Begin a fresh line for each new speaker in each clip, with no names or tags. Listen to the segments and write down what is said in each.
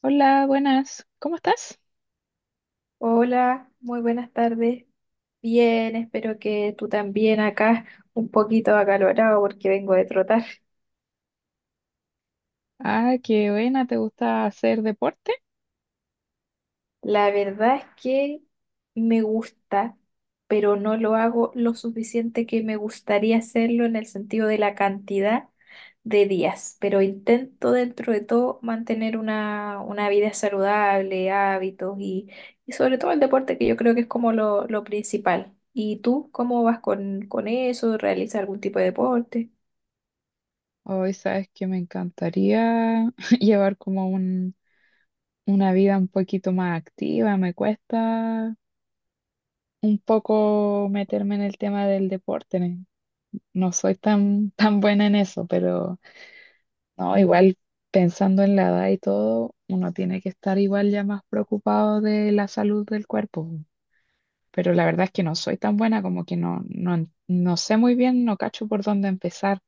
Hola, buenas. ¿Cómo estás?
Hola, muy buenas tardes. Bien, espero que tú también acá, un poquito acalorado porque vengo de trotar.
Ah, qué buena. ¿Te gusta hacer deporte?
La verdad es que me gusta, pero no lo hago lo suficiente que me gustaría hacerlo en el sentido de la cantidad de días, pero intento dentro de todo mantener una vida saludable, hábitos y sobre todo el deporte, que yo creo que es como lo principal. ¿Y tú cómo vas con eso? ¿Realizas algún tipo de deporte?
Hoy sabes que me encantaría llevar como un, una vida un poquito más activa. Me cuesta un poco meterme en el tema del deporte. No soy tan buena en eso, pero no, igual pensando en la edad y todo, uno tiene que estar igual ya más preocupado de la salud del cuerpo. Pero la verdad es que no soy tan buena, como que no, no, no sé muy bien, no cacho por dónde empezar.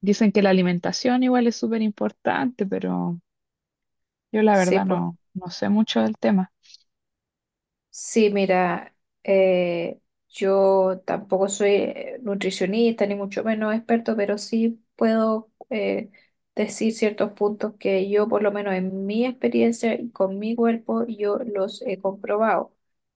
Dicen que la alimentación igual es súper importante, pero yo la
Sí,
verdad no, no sé mucho del tema.
Sí, mira, eh, yo tampoco soy nutricionista ni mucho menos experto, pero sí puedo decir ciertos puntos que yo, por lo menos en mi experiencia y con mi cuerpo, yo los he comprobado.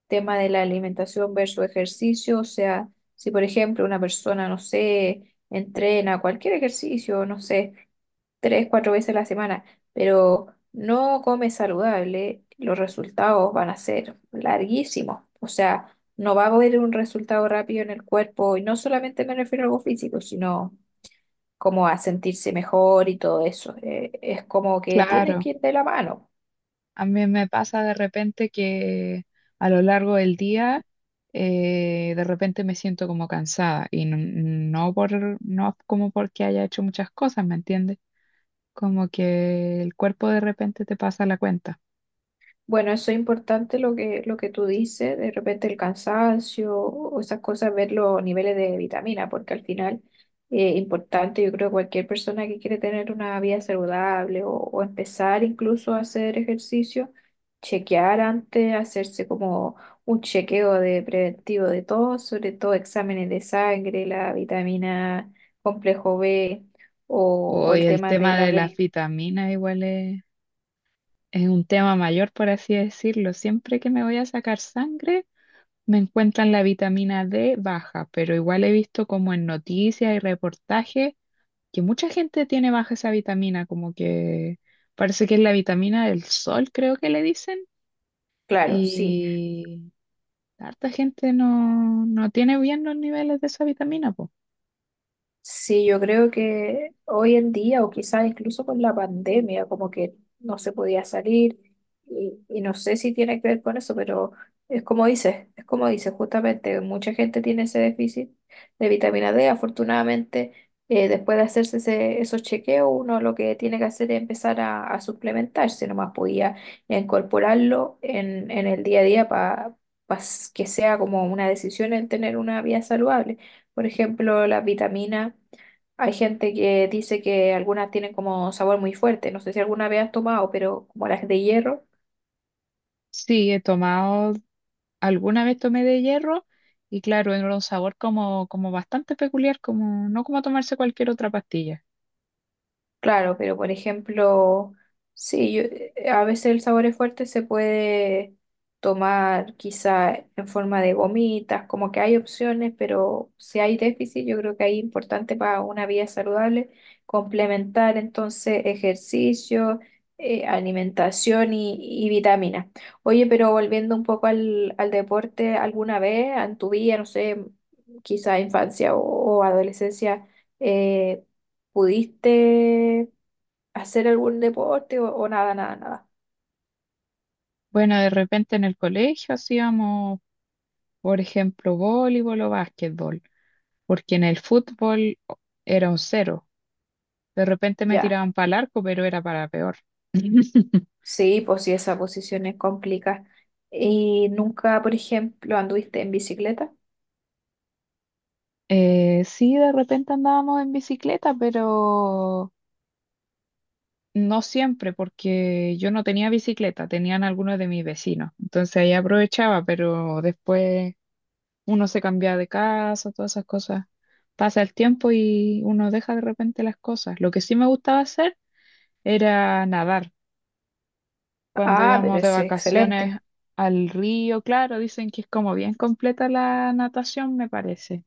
Tema de la alimentación versus ejercicio, o sea, si por ejemplo una persona, no sé, entrena cualquier ejercicio, no sé tres, cuatro veces a la semana, pero no comes saludable, los resultados van a ser larguísimos. O sea, no va a haber un resultado rápido en el cuerpo, y no solamente me refiero a algo físico, sino como a sentirse mejor y todo eso. Es como que tiene
Claro,
que ir de la mano.
a mí me pasa de repente que a lo largo del día, de repente me siento como cansada y no, no como porque haya hecho muchas cosas, ¿me entiendes? Como que el cuerpo de repente te pasa la cuenta.
Bueno, eso es importante lo que tú dices, de repente el cansancio o esas cosas, ver los niveles de vitamina, porque al final es importante, yo creo que cualquier persona que quiere tener una vida saludable o empezar incluso a hacer ejercicio, chequear antes, hacerse como un chequeo de preventivo de todo, sobre todo exámenes de sangre, la vitamina complejo B o
Hoy
el
el
tema de
tema
la
de las
D.
vitaminas igual es un tema mayor, por así decirlo. Siempre que me voy a sacar sangre, me encuentran la vitamina D baja, pero igual he visto como en noticias y reportajes que mucha gente tiene baja esa vitamina, como que parece que es la vitamina del sol, creo que le dicen,
Claro, sí.
y harta gente no, no tiene bien los niveles de esa vitamina, po.
Sí, yo creo que hoy en día, o quizás incluso con la pandemia, como que no se podía salir, y no sé si tiene que ver con eso, pero es como dices, justamente, mucha gente tiene ese déficit de vitamina D. Afortunadamente, después de hacerse esos chequeos, uno lo que tiene que hacer es empezar a suplementarse, nomás podía incorporarlo en el día a día para que sea como una decisión en tener una vida saludable. Por ejemplo, las vitaminas. Hay gente que dice que algunas tienen como sabor muy fuerte. No sé si alguna vez has tomado, pero como las de hierro.
Sí, he tomado, alguna vez tomé de hierro. Y claro, era un sabor como, como bastante peculiar, como, no como tomarse cualquier otra pastilla.
Claro, pero por ejemplo, sí, a veces el sabor es fuerte, se puede tomar quizá en forma de gomitas, como que hay opciones, pero si hay déficit, yo creo que ahí es importante para una vida saludable complementar entonces ejercicio, alimentación y vitaminas. Oye, pero volviendo un poco al deporte, ¿alguna vez en tu vida, no sé, quizá infancia o adolescencia, eh, pudiste hacer algún deporte o nada, nada, nada?
Bueno, de repente en el colegio hacíamos, por ejemplo, voleibol o básquetbol, porque en el fútbol era un cero. De repente me
Ya,
tiraban para el arco, pero era para peor.
sí, pues sí, esa posición es complicada. ¿Y nunca, por ejemplo, anduviste en bicicleta?
Sí, de repente andábamos en bicicleta, pero no siempre, porque yo no tenía bicicleta, tenían algunos de mis vecinos. Entonces ahí aprovechaba, pero después uno se cambia de casa, todas esas cosas. Pasa el tiempo y uno deja de repente las cosas. Lo que sí me gustaba hacer era nadar. Cuando
Ah, pero
íbamos de
es
vacaciones
excelente.
al río, claro, dicen que es como bien completa la natación, me parece.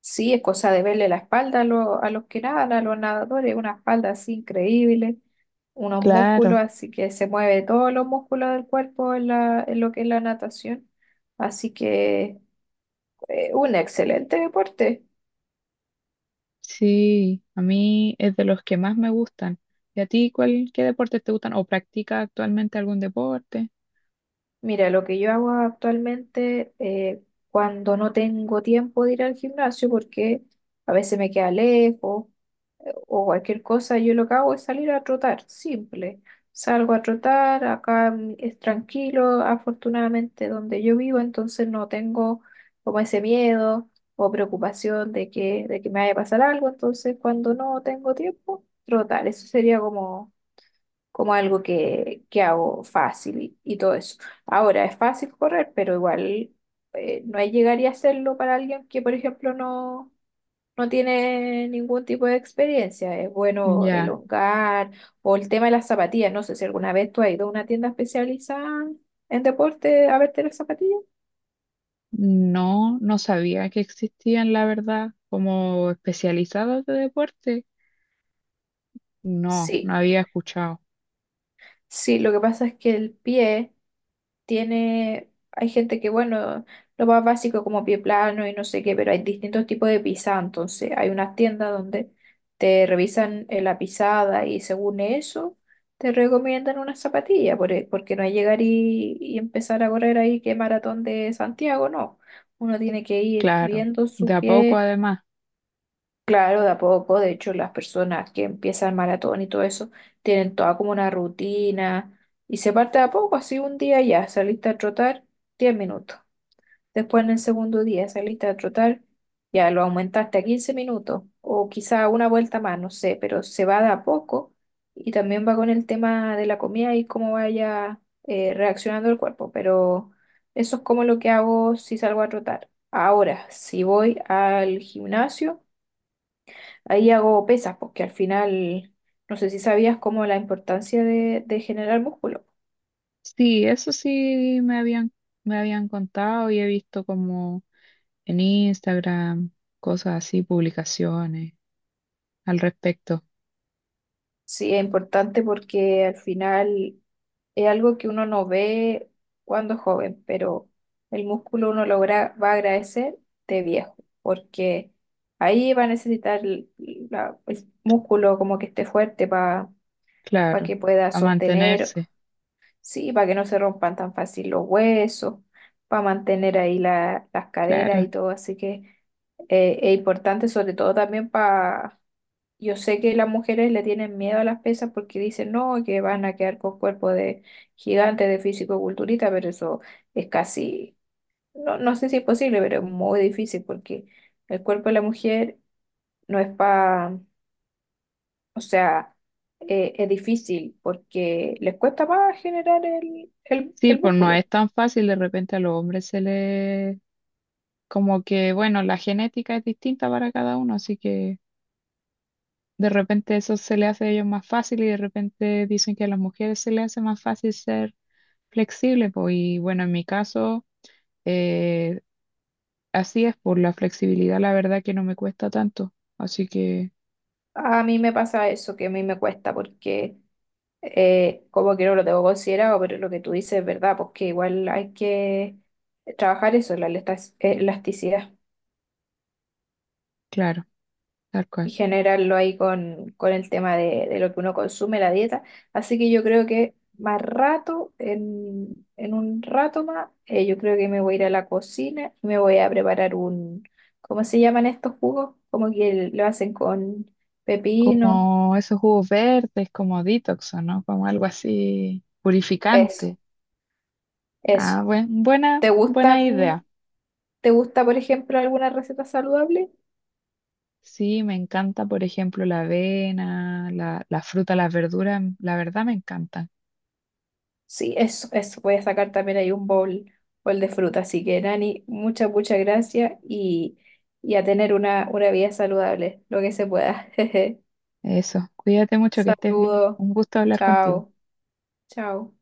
Sí, es cosa de verle la espalda a, a los que nadan, a los nadadores, una espalda así increíble, unos
Claro,
músculos, así que se mueve todos los músculos del cuerpo en la, en lo que es la natación. Así que un excelente deporte.
sí, a mí es de los que más me gustan. ¿Y a ti cuál, qué deportes te gustan o practicas actualmente algún deporte?
Mira, lo que yo hago actualmente cuando no tengo tiempo de ir al gimnasio, porque a veces me queda lejos o cualquier cosa, yo lo que hago es salir a trotar, simple. Salgo a trotar, acá es tranquilo, afortunadamente donde yo vivo, entonces no tengo como ese miedo o preocupación de que me vaya a pasar algo, entonces cuando no tengo tiempo, trotar, eso sería como como algo que hago fácil y todo eso. Ahora, es fácil correr, pero igual no llegaría a hacerlo para alguien que, por ejemplo, no, no tiene ningún tipo de experiencia. Es bueno
Ya,
elongar o el tema de las zapatillas. No sé si alguna vez tú has ido a una tienda especializada en deporte a verte las zapatillas.
no, no sabía que existían, la verdad, como especializados de deporte. No, no
Sí,
había escuchado.
sí, lo que pasa es que el pie tiene, hay gente que, bueno, lo más básico como pie plano y no sé qué, pero hay distintos tipos de pisada, entonces hay unas tiendas donde te revisan la pisada y según eso te recomiendan una zapatilla, porque no es llegar y empezar a correr ahí que maratón de Santiago, no, uno tiene que ir
Claro,
viendo
de
su
a poco
pie.
además.
Claro, de a poco, de hecho, las personas que empiezan maratón y todo eso tienen toda como una rutina y se parte de a poco, así un día ya saliste a trotar 10 minutos, después en el segundo día saliste a trotar, ya lo aumentaste a 15 minutos o quizá una vuelta más, no sé, pero se va de a poco y también va con el tema de la comida y cómo vaya reaccionando el cuerpo, pero eso es como lo que hago si salgo a trotar. Ahora, si voy al gimnasio, ahí hago pesas, porque al final, no sé si sabías como la importancia de generar músculo.
Sí, eso sí me habían contado y he visto como en Instagram, cosas así, publicaciones al respecto.
Sí, es importante porque al final es algo que uno no ve cuando es joven, pero el músculo uno logra, va a agradecer de viejo, porque ahí va a necesitar el músculo como que esté fuerte para
Claro,
que pueda
a
sostener,
mantenerse,
sí, para que no se rompan tan fácil los huesos, para mantener ahí las caderas
claro.
y todo, así que es importante, sobre todo también para. Yo sé que las mujeres le tienen miedo a las pesas porque dicen, no, que van a quedar con cuerpo de gigante, de físico-culturista, pero eso es casi, no, no sé si es posible, pero es muy difícil porque el cuerpo de la mujer no es para, o sea, es difícil porque les cuesta más generar el, el,
Sí,
el
pues no
músculo.
es tan fácil, de repente a los hombres se les, como que, bueno, la genética es distinta para cada uno, así que de repente eso se le hace a ellos más fácil y de repente dicen que a las mujeres se les hace más fácil ser flexible, pues y bueno, en mi caso eh, Así es, por la flexibilidad, la verdad que no me cuesta tanto. Así que,
A mí me pasa eso, que a mí me cuesta porque como que no lo tengo considerado, pero lo que tú dices es verdad, porque igual hay que trabajar eso, elasticidad,
claro, tal
y
cual.
generarlo ahí con el tema de lo que uno consume, la dieta. Así que yo creo que más rato, en un rato más, yo creo que me voy a ir a la cocina y me voy a preparar un, ¿cómo se llaman estos jugos? Como que lo hacen con pepino,
Como esos jugos verdes, como detox, ¿o no? Como algo así
eso,
purificante. Ah,
eso.
buena,
¿Te
buena
gustan,
idea.
te gusta, por ejemplo, alguna receta saludable?
Sí, me encanta, por ejemplo, la avena, la fruta, las verduras, la verdad me encantan.
Sí, eso, eso. Voy a sacar también ahí un bowl, bowl de fruta. Así que, Nani, muchas, muchas gracias y a tener una vida saludable, lo que se pueda.
Eso, cuídate mucho, que estés bien.
Saludos.
Un gusto hablar contigo.
Chao. Chao.